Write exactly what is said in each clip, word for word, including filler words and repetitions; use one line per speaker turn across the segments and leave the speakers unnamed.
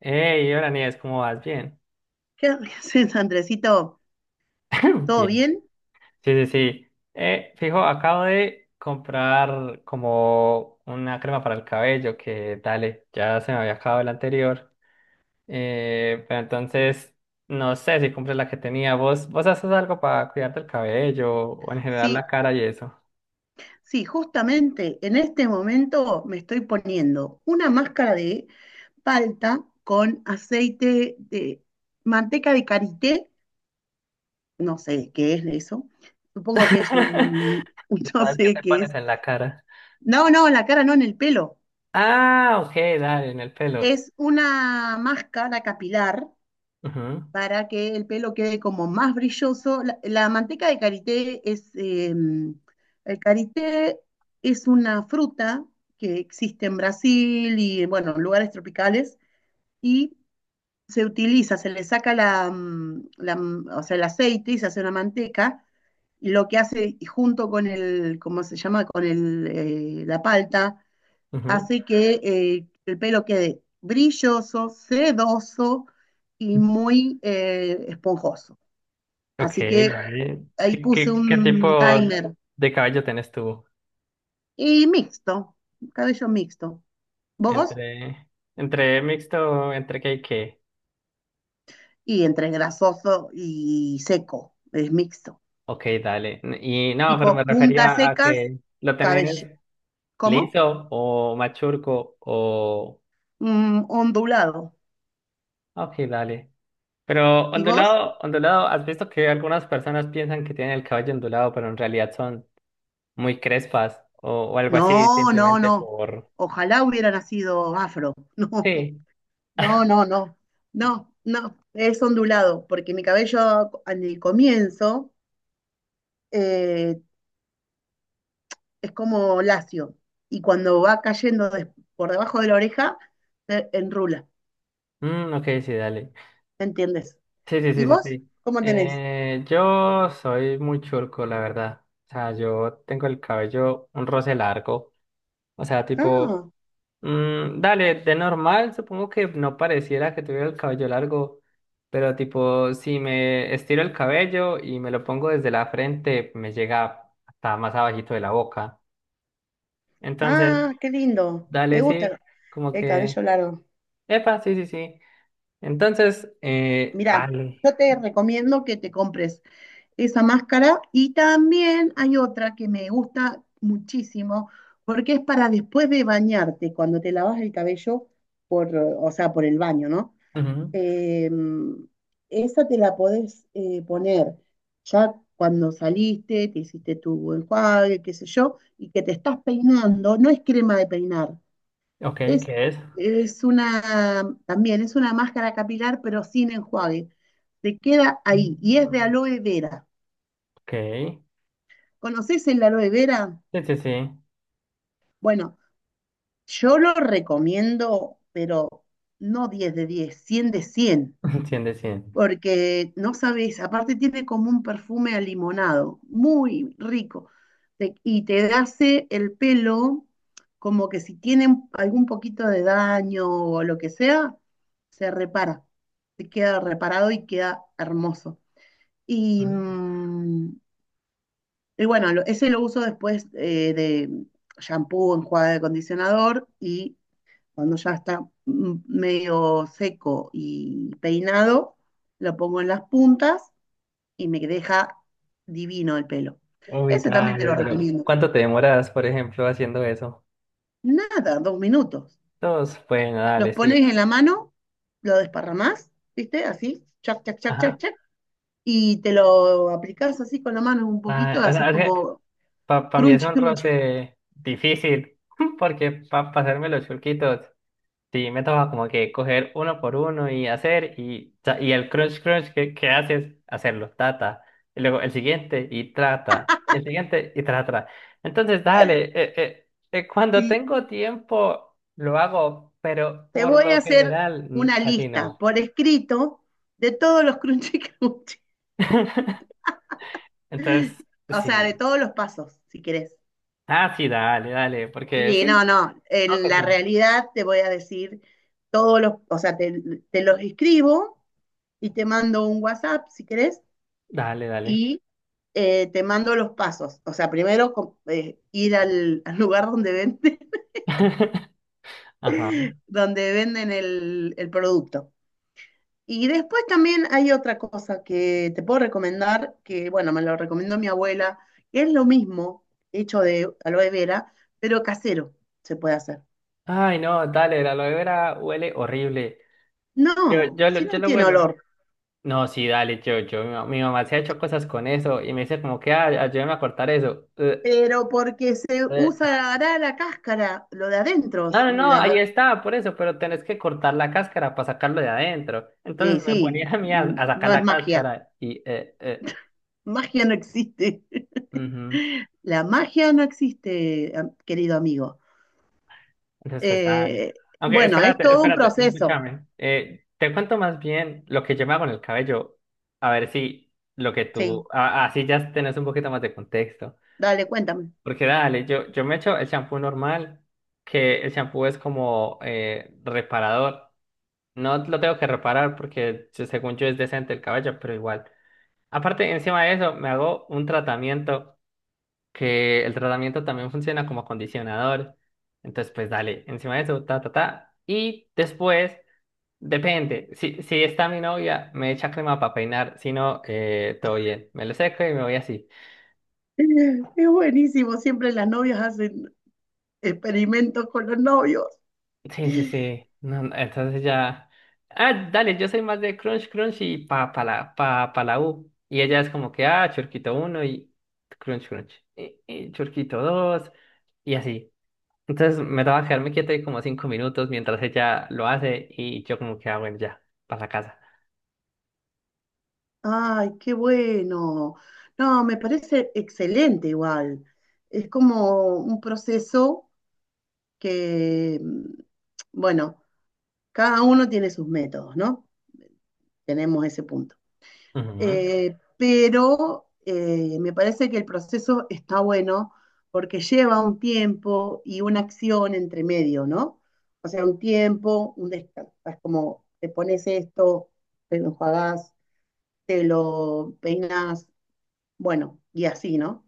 Hey, hola Nieves, ¿cómo vas? Bien.
¿Qué haces, Andresito? ¿Todo
Bien.
bien?
Sí, sí, sí. Eh, fijo, acabo de comprar como una crema para el cabello que, dale, ya se me había acabado el anterior. Eh, pero entonces, no sé si compré la que tenía. ¿Vos, vos haces algo para cuidarte el cabello o en general
Sí,
la cara y eso?
sí, justamente en este momento me estoy poniendo una máscara de palta con aceite de manteca de karité, no sé qué es eso, supongo que es un, un-
¿No?
no
¿Sabes qué
sé
te
qué
pones
es.
en la cara?
No, no, en la cara no, en el pelo.
Ah, ok, dale, en el pelo.
Es una máscara capilar
Ujú,
para que el pelo quede como más brilloso. La, la manteca de karité es, eh, el karité es una fruta que existe en Brasil y, bueno, en lugares tropicales, y se utiliza, se le saca la, mm, la, mm, o sea, el aceite y se hace una manteca, y lo que hace junto con el, ¿cómo se llama?, con el, eh, la palta.
ujú.
Así que eh, el pelo quede brilloso, sedoso y muy eh, esponjoso.
Ok,
Así que
dale.
ahí
¿Qué,
puse
qué, qué
un
tipo
timer
de caballo tenés tú?
y mixto, cabello mixto. ¿Vos?
¿Entre, entre mixto, entre qué y qué?
Y entre grasoso y seco, es mixto.
Ok, dale. N- Y no, pero me
Tipo puntas
refería a
secas,
que lo
cabello.
tenés
¿Cómo?
liso o machurco o...
Mm, ondulado.
Ok, dale. Pero
¿Y vos?
ondulado, ondulado, ¿has visto que algunas personas piensan que tienen el cabello ondulado, pero en realidad son muy crespas o, o algo así,
No, no,
simplemente
no.
por...
Ojalá hubiera nacido afro.
Sí.
No. No, no, no, no, no, es ondulado, porque mi cabello en el comienzo eh, es como lacio y cuando va cayendo des- por debajo de la oreja, se enrula,
Mm, ok, sí, dale.
¿me entiendes?
Sí, sí,
¿Y
sí, sí,
vos
sí.
cómo tenés?
Eh, yo soy muy churco, la verdad. O sea, yo tengo el cabello un roce largo. O sea, tipo,
Ah,
mm, dale, de normal supongo que no pareciera que tuviera el cabello largo, pero tipo, si me estiro el cabello y me lo pongo desde la frente, me llega hasta más abajito de la boca. Entonces,
ah, qué lindo, me
dale, sí,
gusta
como
el
que,
cabello largo.
epa, sí, sí, sí. Entonces, eh,
Mirá,
dale.
yo te recomiendo que te compres esa máscara. Y también hay otra que me gusta muchísimo, porque es para después de bañarte, cuando te lavas el cabello, por, o sea, por el baño, ¿no?
Ujú.
Eh, esa te la podés eh, poner ya cuando saliste, te hiciste tu enjuague, qué sé yo, y que te estás peinando, no es crema de peinar,
Ok,
es,
¿qué es?
es una, también es una máscara capilar, pero sin enjuague. Te queda ahí, y es de aloe vera.
Ok.
¿Conoces el aloe vera?
Sí, sí, sí.
Bueno, yo lo recomiendo, pero no diez de diez, cien de cien,
Cien de cien.
porque no sabes, aparte tiene como un perfume a limonado, muy rico, te- y te hace el pelo como que si tiene un- algún poquito de daño o lo que sea, se repara, se queda reparado y queda hermoso. Y
Mm.
mm. Y bueno, lo- ese lo uso después eh, de shampoo, enjuague de acondicionador y cuando ya está mm, medio seco y peinado, lo pongo en las puntas y me deja divino el pelo.
Uy,
Ese también te
dale,
lo
pero
recomiendo.
¿cuánto te demoras, por ejemplo, haciendo eso?
Nada, dos minutos.
Dos, bueno,
Los
dale,
pones
sí.
en la mano, lo desparramás, ¿viste? Así, chac, chac, chac,
Ajá.
chac, chac. Y te lo aplicás así con la mano un
Ay,
poquito,
o
haces
sea, es que
como
para mí es
crunchy,
un
crunchy.
roce difícil, porque para pasarme los chulquitos sí, me toca como que coger uno por uno y hacer, y, ta- y el crunch crunch que, que haces, hacerlo, tata. Y luego el siguiente y trata. Y el siguiente y trata. Entonces, dale, eh, eh, eh, cuando
Y,
tengo tiempo lo hago, pero
te
por
voy a
lo
hacer
general mm,
una
casi
lista
no.
por escrito de todos los crunchy crunchy,
Entonces,
o sea, de
sí.
todos los pasos, si querés.
Ah, sí, dale, dale, porque
Sí, no,
sí,
no,
creo
en
que
la
sí.
realidad te voy a decir todos los, o sea, te, te los escribo y te mando un WhatsApp, si querés,
Dale, dale.
y eh, te mando los pasos. O sea, primero com- eh, ir al, al lugar donde, vende,
Ajá.
donde venden el, el producto. Y después también hay otra cosa que te puedo recomendar, que bueno, me lo recomendó mi abuela, que es lo mismo, hecho de aloe vera, pero casero se puede hacer.
Ay, no, dale, la aloe vera huele horrible. Yo,
No,
yo,
si
lo-
no
yo lo
tiene
huelo.
olor,
No, sí, dale, yo, yo, mi, ma- mi mamá se ha hecho cosas con eso y me dice como que, ah, ayúdame a cortar eso. Eh,
pero porque se
eh,
usará la cáscara, lo de adentro.
No, no, no,
la- no,
ahí está, por eso, pero tenés que cortar la cáscara para sacarlo de adentro.
eh,
Entonces me
sí,
ponía a mí a, a sacar
no es
la
magia.
cáscara y, eh, eh,
Magia no existe.
ujú.
La magia no existe, am- querido amigo.
Entonces pues dale.
Eh,
Aunque,
bueno, es
espérate,
todo un
espérate,
proceso.
escúchame. Eh, te cuento más bien lo que yo me hago en el cabello, a ver si lo que tú,
Sí,
a- así ya tenés un poquito más de contexto.
dale, cuéntame.
Porque dale, yo, yo me echo el champú normal, que el champú es como eh, reparador. No lo tengo que reparar porque se- según yo es decente el cabello, pero igual. Aparte, encima de eso, me hago un tratamiento que el tratamiento también funciona como acondicionador. Entonces, pues dale, encima de eso, ta, ta, ta. Y después, depende. Si, si está mi novia, me echa crema para peinar. Si no, eh, todo bien. Me lo seco y me voy así.
Es buenísimo, siempre las novias hacen experimentos con los novios.
Sí, sí, sí. No, no, entonces ya. Ah, dale, yo soy más de Crunch Crunch y pa, pa la, pa, pa la U. Y ella es como que, ah, Churquito uno y Crunch Crunch. Y, y Churquito dos y así. Entonces me daba quedarme quieto ahí como cinco minutos mientras ella lo hace y yo como que, ah, bueno, ya, para la casa.
Ay, qué bueno. No, me parece excelente igual. Es como un proceso que, mm, bueno, cada uno tiene sus métodos, ¿no? Tenemos ese punto.
Ujú,
eh, pero eh, me parece que el proceso está bueno porque lleva un tiempo y una acción entre medio, ¿no? O sea, un tiempo, un descanso, es como te pones esto, te lo enjuagás, te lo peinas, bueno, y así, ¿no?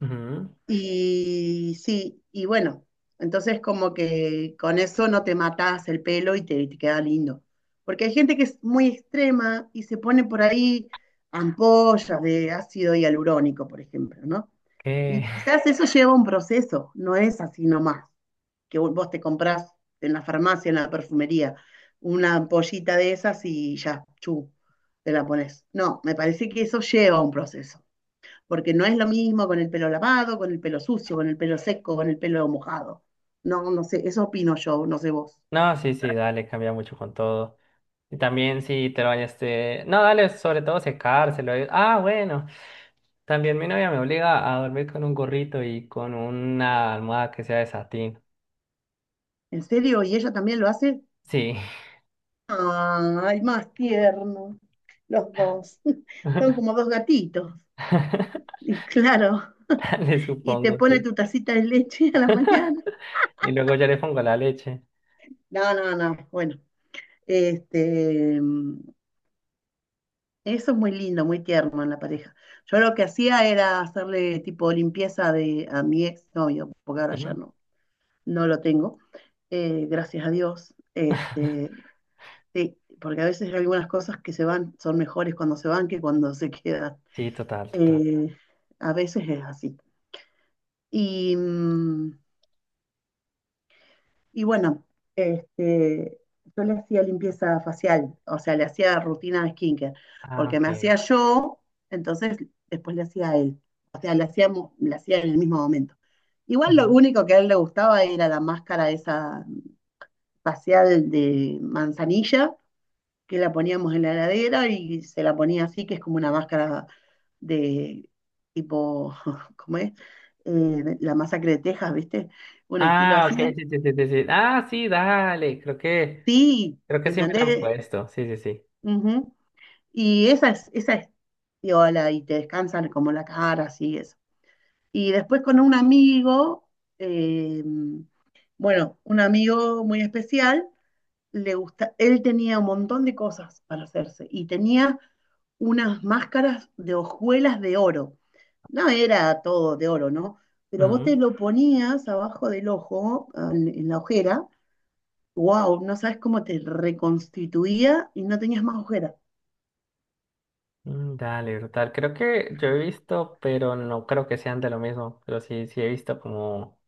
ujú.
Y sí, y bueno, entonces como que con eso no te matás el pelo y te, te queda lindo. Porque hay gente que es muy extrema y se pone por ahí ampollas de ácido hialurónico, por ejemplo, ¿no?
¿Qué?
Y quizás eso lleva un proceso, no es así nomás, que vos vos te comprás en la farmacia, en la perfumería, una ampollita de esas y ya, chu, te la pones. No, me parece que eso lleva un proceso porque no es lo mismo con el pelo lavado, con el pelo sucio, con el pelo seco, con el pelo mojado. No, no sé, eso opino yo, no sé vos.
No, sí, sí, dale, cambia mucho con todo. Y también si te lo bañaste. No, dale, sobre todo secárselo. eh. Ah, bueno. También mi novia me obliga a dormir con un gorrito y con una almohada que sea de satín.
¿En serio? ¿Y ella también lo hace?
Sí.
Ay, más tierno. Los dos. Son como dos gatitos. Y claro,
Le
y te
supongo,
pone
sí.
tu tacita de leche a la mañana.
Y luego yo le pongo la leche.
No, no, no. Bueno, este, eso es muy lindo, muy tierno en la pareja. Yo lo que hacía era hacerle tipo limpieza de, a mi ex novio, porque ahora ya
Ujú.
no. no lo tengo, eh, gracias a Dios. Este, sí, porque a veces hay algunas cosas que se van son mejores cuando se van que cuando se quedan.
Sí, total, total.
Eh, a veces es así. Y, mm, y bueno, este, yo le hacía limpieza facial, o sea, le hacía rutina de skincare,
Ah,
porque
ok.
me hacía yo, entonces después le hacía a él. O sea, le hacíamos, le hacía en el mismo momento. Igual lo
Ujú.
único que a él le gustaba era la máscara esa facial de manzanilla, que la poníamos en la heladera y se la ponía así, que es como una máscara de tipo, ¿cómo es? Eh, la masacre de Texas, ¿viste? Un estilo
Ah, ok,
así.
sí, sí, sí, sí, sí. Ah, sí, dale. Creo que,
Sí,
creo que sí me la han
¿entendés?
puesto. Sí, sí, sí.
Ujú. Y esa es, esa es piola y te descansan como la cara, así eso. Y después con un amigo, eh, bueno, un amigo muy especial, le gusta, él tenía un montón de cosas para hacerse y tenía unas máscaras de hojuelas de oro. No era todo de oro, ¿no? Pero vos te
Ujú.
lo ponías abajo del ojo, al- en, la ojera, wow, no sabes cómo te reconstituía y no tenías más ojera.
Mm, dale, brutal. Creo que yo he visto, pero no creo que sean de lo mismo. Pero sí, sí he visto como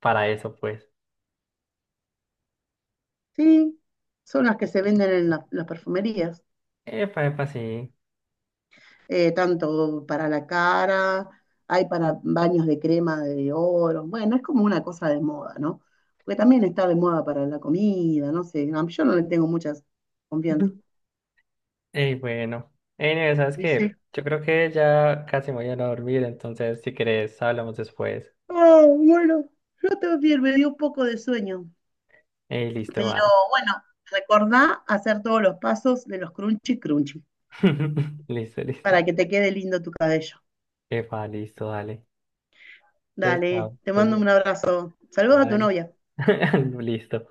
para eso, pues.
Sí, son las que se venden en la- las perfumerías.
Epa, epa, sí.
eh, tanto para la cara, hay para baños de crema de oro, bueno, es como una cosa de moda, ¿no? Porque también está de moda para la comida, no sé, a mí- yo no le tengo muchas confianza.
Y bueno, ey, Neve, ¿sabes qué?
Dice,
Yo creo que ya casi me voy a ir a dormir, entonces si querés hablamos después.
oh, bueno, yo también me dio un poco de sueño,
Ey, listo,
pero
va.
bueno, recordá hacer todos los pasos de los crunchy crunchy
Listo, listo.
para que te quede lindo tu cabello.
Epa, listo, dale. Entonces,
Dale,
chao.
te mando
Entonces,
un abrazo. Saludos a tu
bye.
novia.
Listo.